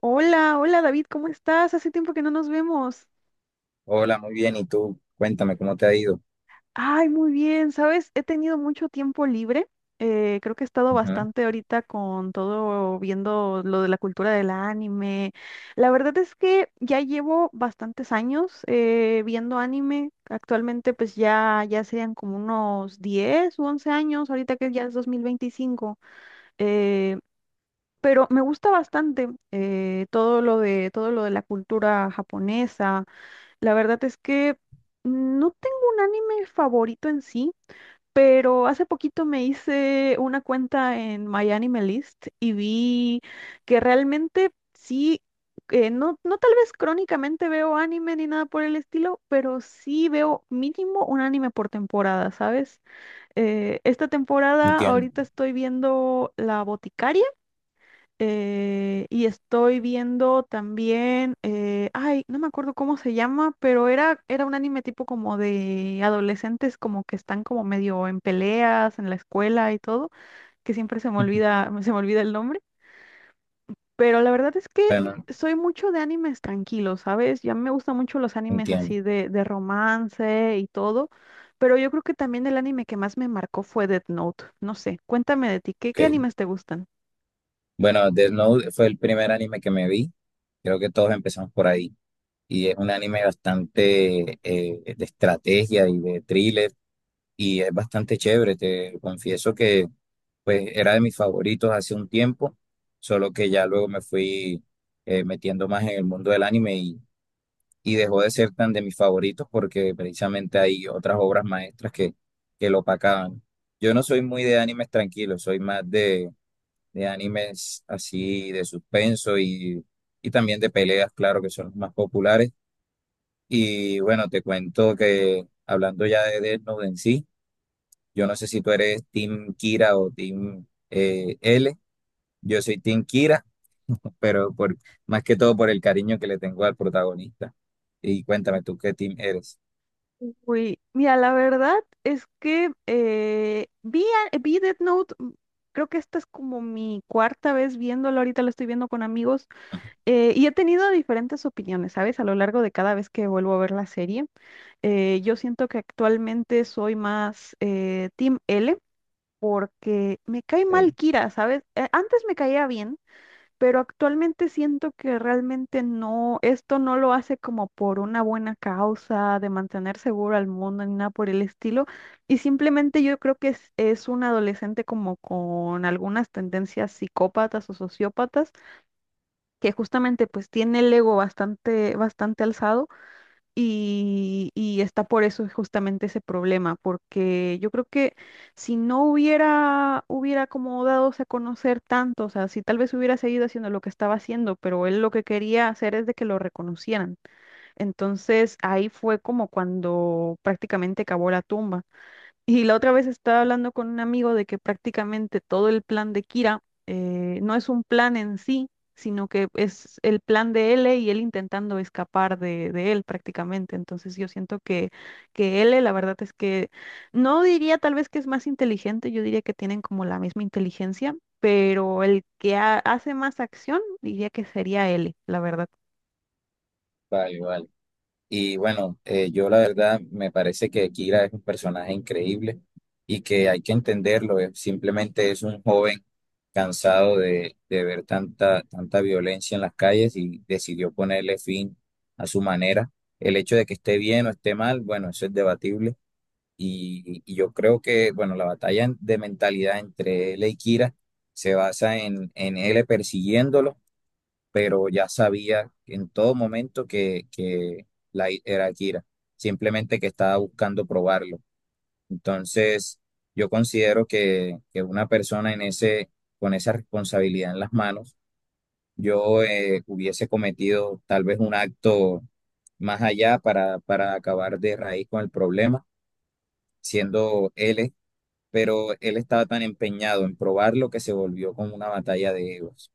Hola, hola David, ¿cómo estás? Hace tiempo que no nos vemos. Hola, muy bien. ¿Y tú? Cuéntame cómo te ha ido. Ay, muy bien, ¿sabes? He tenido mucho tiempo libre. Creo que he estado Ujú. bastante ahorita con todo viendo lo de la cultura del anime. La verdad es que ya llevo bastantes años viendo anime. Actualmente pues ya serían como unos 10 u 11 años, ahorita que ya es 2025. eh, pero me gusta bastante todo lo de la cultura japonesa. La verdad es que no tengo un anime favorito en sí, pero hace poquito me hice una cuenta en MyAnimeList y vi que realmente sí, no tal vez crónicamente veo anime ni nada por el estilo, pero sí veo mínimo un anime por temporada, ¿sabes? Esta temporada ahorita Entiendo. estoy viendo La Boticaria, y estoy viendo también, ay, no me acuerdo cómo se llama, pero era un anime tipo como de adolescentes como que están como medio en peleas en la escuela y todo, que siempre se me olvida, se me olvida el nombre, pero la verdad es que Bueno, soy mucho de animes tranquilos, ¿sabes? Ya me gustan mucho los animes entiendo. así de romance y todo, pero yo creo que también el anime que más me marcó fue Death Note, no sé, cuéntame de ti, ¿qué Ok. animes te gustan? Bueno, Death Note fue el primer anime que me vi. Creo que todos empezamos por ahí. Y es un anime bastante de estrategia y de thriller. Y es bastante chévere. Te confieso que pues era de mis favoritos hace un tiempo. Solo que ya luego me fui metiendo más en el mundo del anime y dejó de ser tan de mis favoritos porque precisamente hay otras obras maestras que lo opacaban. Yo no soy muy de animes tranquilos, soy más de animes así de suspenso y también de peleas, claro, que son los más populares. Y bueno, te cuento que hablando ya de Death Note en sí, yo no sé si tú eres Team Kira o Team L. Yo soy Team Kira, pero por, más que todo por el cariño que le tengo al protagonista. Y cuéntame tú qué team eres. Uy, mira, la verdad es que vi Death Note, creo que esta es como mi cuarta vez viéndolo, ahorita lo estoy viendo con amigos, y he tenido diferentes opiniones, ¿sabes? A lo largo de cada vez que vuelvo a ver la serie. Yo siento que actualmente soy más Team L porque me cae mal Kira, ¿sabes? Antes me caía bien, pero actualmente siento que realmente no, esto no lo hace como por una buena causa de mantener seguro al mundo ni nada por el estilo, y simplemente yo creo que es un adolescente como con algunas tendencias psicópatas o sociópatas, que justamente pues tiene el ego bastante, bastante alzado y está por eso justamente ese problema, porque yo creo que si no hubiera como dado a conocer tanto, o sea, si tal vez hubiera seguido haciendo lo que estaba haciendo, pero él lo que quería hacer es de que lo reconocieran. Entonces ahí fue como cuando prácticamente cavó la tumba. Y la otra vez estaba hablando con un amigo de que prácticamente todo el plan de Kira no es un plan en sí, sino que es el plan de L y él intentando escapar de él prácticamente. Entonces yo siento que, L, la verdad es que no diría tal vez que es más inteligente, yo diría que tienen como la misma inteligencia, pero el que hace más acción diría que sería L, la verdad. Vale, vale. Y bueno, yo la verdad me parece que Kira es un personaje increíble y que hay que entenderlo. Simplemente es un joven cansado de ver tanta violencia en las calles y decidió ponerle fin a su manera. El hecho de que esté bien o esté mal, bueno, eso es debatible. Y yo creo que, bueno, la batalla de mentalidad entre él y Kira se basa en él persiguiéndolo, pero ya sabía en todo momento que era Akira, simplemente que estaba buscando probarlo. Entonces, yo considero que una persona en ese, con esa responsabilidad en las manos, yo hubiese cometido tal vez un acto más allá para acabar de raíz con el problema, siendo él, pero él estaba tan empeñado en probarlo que se volvió como una batalla de egos.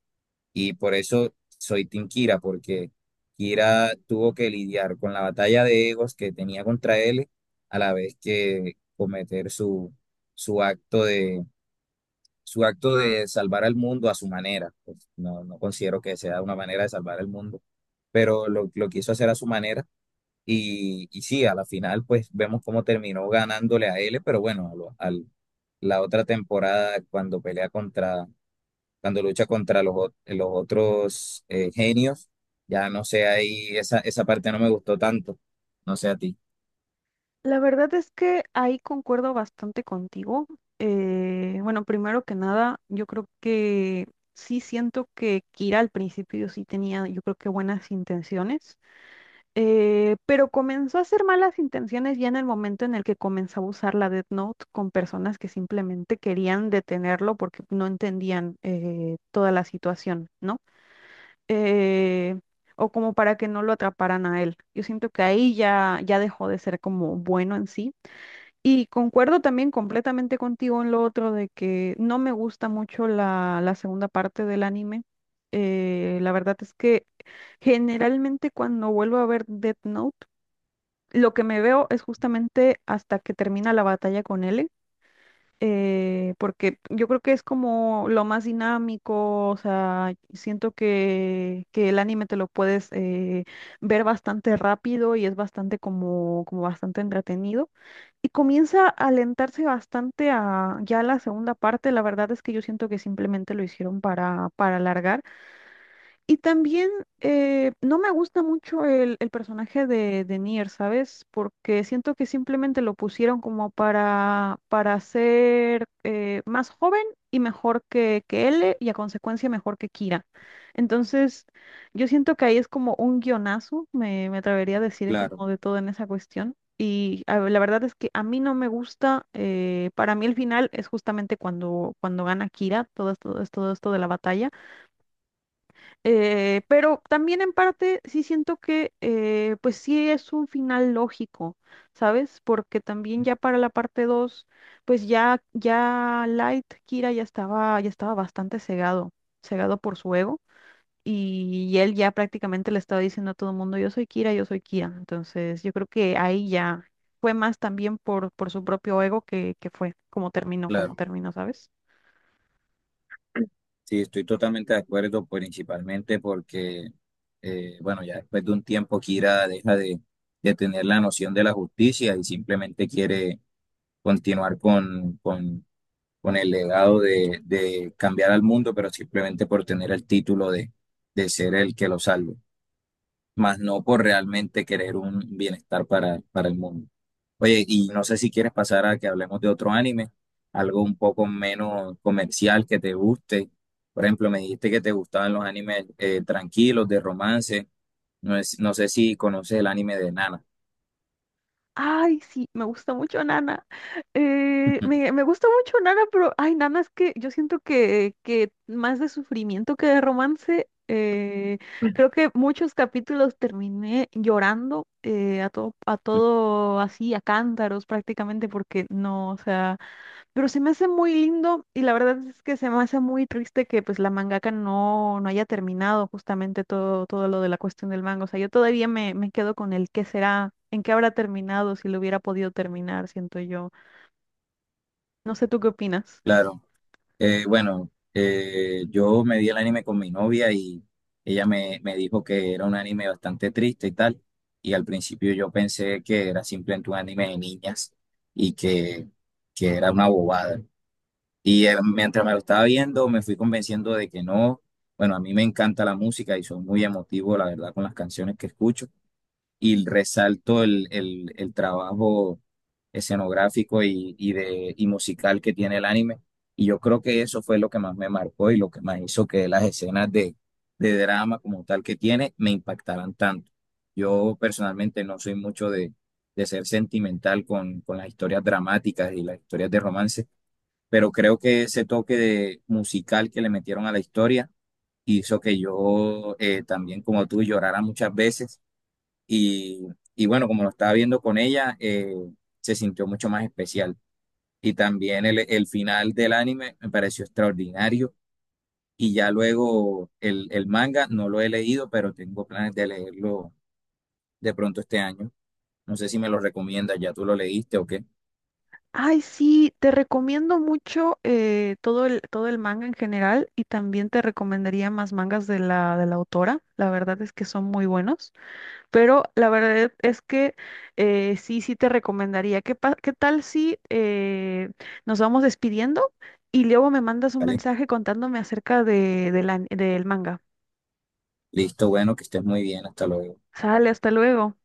Y por eso soy Team Kira, porque Kira tuvo que lidiar con la batalla de egos que tenía contra él, a la vez que cometer su acto su acto de salvar al mundo a su manera. Pues no, no considero que sea una manera de salvar al mundo, pero lo quiso hacer a su manera. Y sí, a la final, pues vemos cómo terminó ganándole a él, pero bueno, la otra temporada, cuando pelea contra cuando lucha contra los otros genios, ya no sé, ahí esa parte no me gustó tanto, no sé a ti. La verdad es que ahí concuerdo bastante contigo. Bueno, primero que nada, yo creo que sí siento que Kira al principio sí tenía, yo creo que buenas intenciones, pero comenzó a hacer malas intenciones ya en el momento en el que comenzó a usar la Death Note con personas que simplemente querían detenerlo porque no entendían toda la situación, ¿no? Eh, o como para que no lo atraparan a él. Yo siento que ahí ya dejó de ser como bueno en sí. Y concuerdo también completamente contigo en lo otro de que no me gusta mucho la segunda parte del anime. La verdad es que generalmente cuando vuelvo a ver Death Note, lo que me veo es justamente hasta que termina la batalla con L, porque yo creo que es como lo más dinámico, o sea, siento que el anime te lo puedes ver bastante rápido y es bastante como, bastante entretenido. Y comienza a alentarse bastante a ya la segunda parte. La verdad es que yo siento que simplemente lo hicieron para alargar. Y también no me gusta mucho el personaje de Nier, ¿sabes? Porque siento que simplemente lo pusieron como para, ser más joven y mejor que L y a consecuencia mejor que Kira. Entonces, yo siento que ahí es como un guionazo, me atrevería a decir Claro, como de todo en esa cuestión. Y a ver, la verdad es que a mí no me gusta, para mí el final es justamente cuando, gana Kira, todo esto de la batalla. Pero también en parte sí siento que pues sí es un final lógico, ¿sabes? Porque también ya para la parte 2 pues ya Light Kira ya estaba, bastante cegado, cegado por su ego. Y él ya prácticamente le estaba diciendo a todo el mundo, yo soy Kira, yo soy Kira. Entonces yo creo que ahí ya fue más también por, su propio ego que fue como claro. terminó, ¿sabes? Sí, estoy totalmente de acuerdo, principalmente porque bueno, ya después de un tiempo Kira deja de tener la noción de la justicia y simplemente quiere continuar con el legado de cambiar al mundo, pero simplemente por tener el título de ser el que lo salve, más no por realmente querer un bienestar para el mundo. Oye, y no sé si quieres pasar a que hablemos de otro anime, algo un poco menos comercial que te guste. Por ejemplo, me dijiste que te gustaban los animes tranquilos, de romance. No sé si conoces el anime de Nana. Ay, sí, me gusta mucho Nana. Me, gusta mucho Nana, pero ay, Nana, es que yo siento que más de sufrimiento que de romance. eh, creo que muchos capítulos terminé llorando a todo así, a cántaros prácticamente, porque no, o sea. Pero se me hace muy lindo y la verdad es que se me hace muy triste que pues la mangaka no haya terminado justamente todo, lo de la cuestión del manga. O sea, yo todavía me quedo con el qué será, en qué habrá terminado, si lo hubiera podido terminar, siento yo. No sé, ¿tú qué opinas? Claro. Bueno, yo me vi el anime con mi novia y me dijo que era un anime bastante triste y tal. Y al principio yo pensé que era simplemente un anime de niñas y que, que era una bobada. Y mientras me lo estaba viendo, me fui convenciendo de que no. Bueno, a mí me encanta la música y soy muy emotivo, la verdad, con las canciones que escucho y resalto el trabajo escenográfico y musical que tiene el anime. Y yo creo que eso fue lo que más me marcó y lo que más hizo que las escenas de drama como tal que tiene me impactaran tanto. Yo personalmente no soy mucho de ser sentimental con las historias dramáticas y las historias de romance, pero creo que ese toque de musical que le metieron a la historia hizo que yo también como tú llorara muchas veces y, y bueno, como lo estaba viendo con ella, se sintió mucho más especial. Y también el final del anime me pareció extraordinario. Y ya luego el manga no lo he leído, pero tengo planes de leerlo de pronto este año. No sé si me lo recomiendas, ya tú lo leíste o qué. Ay, sí, te recomiendo mucho todo el manga en general y también te recomendaría más mangas de la autora. La verdad es que son muy buenos. Pero la verdad es que sí, sí te recomendaría. ¿Qué, qué tal si nos vamos despidiendo y luego me mandas un Vale, mensaje contándome acerca de del manga? listo, bueno, que estés muy bien, hasta luego. Sale, hasta luego.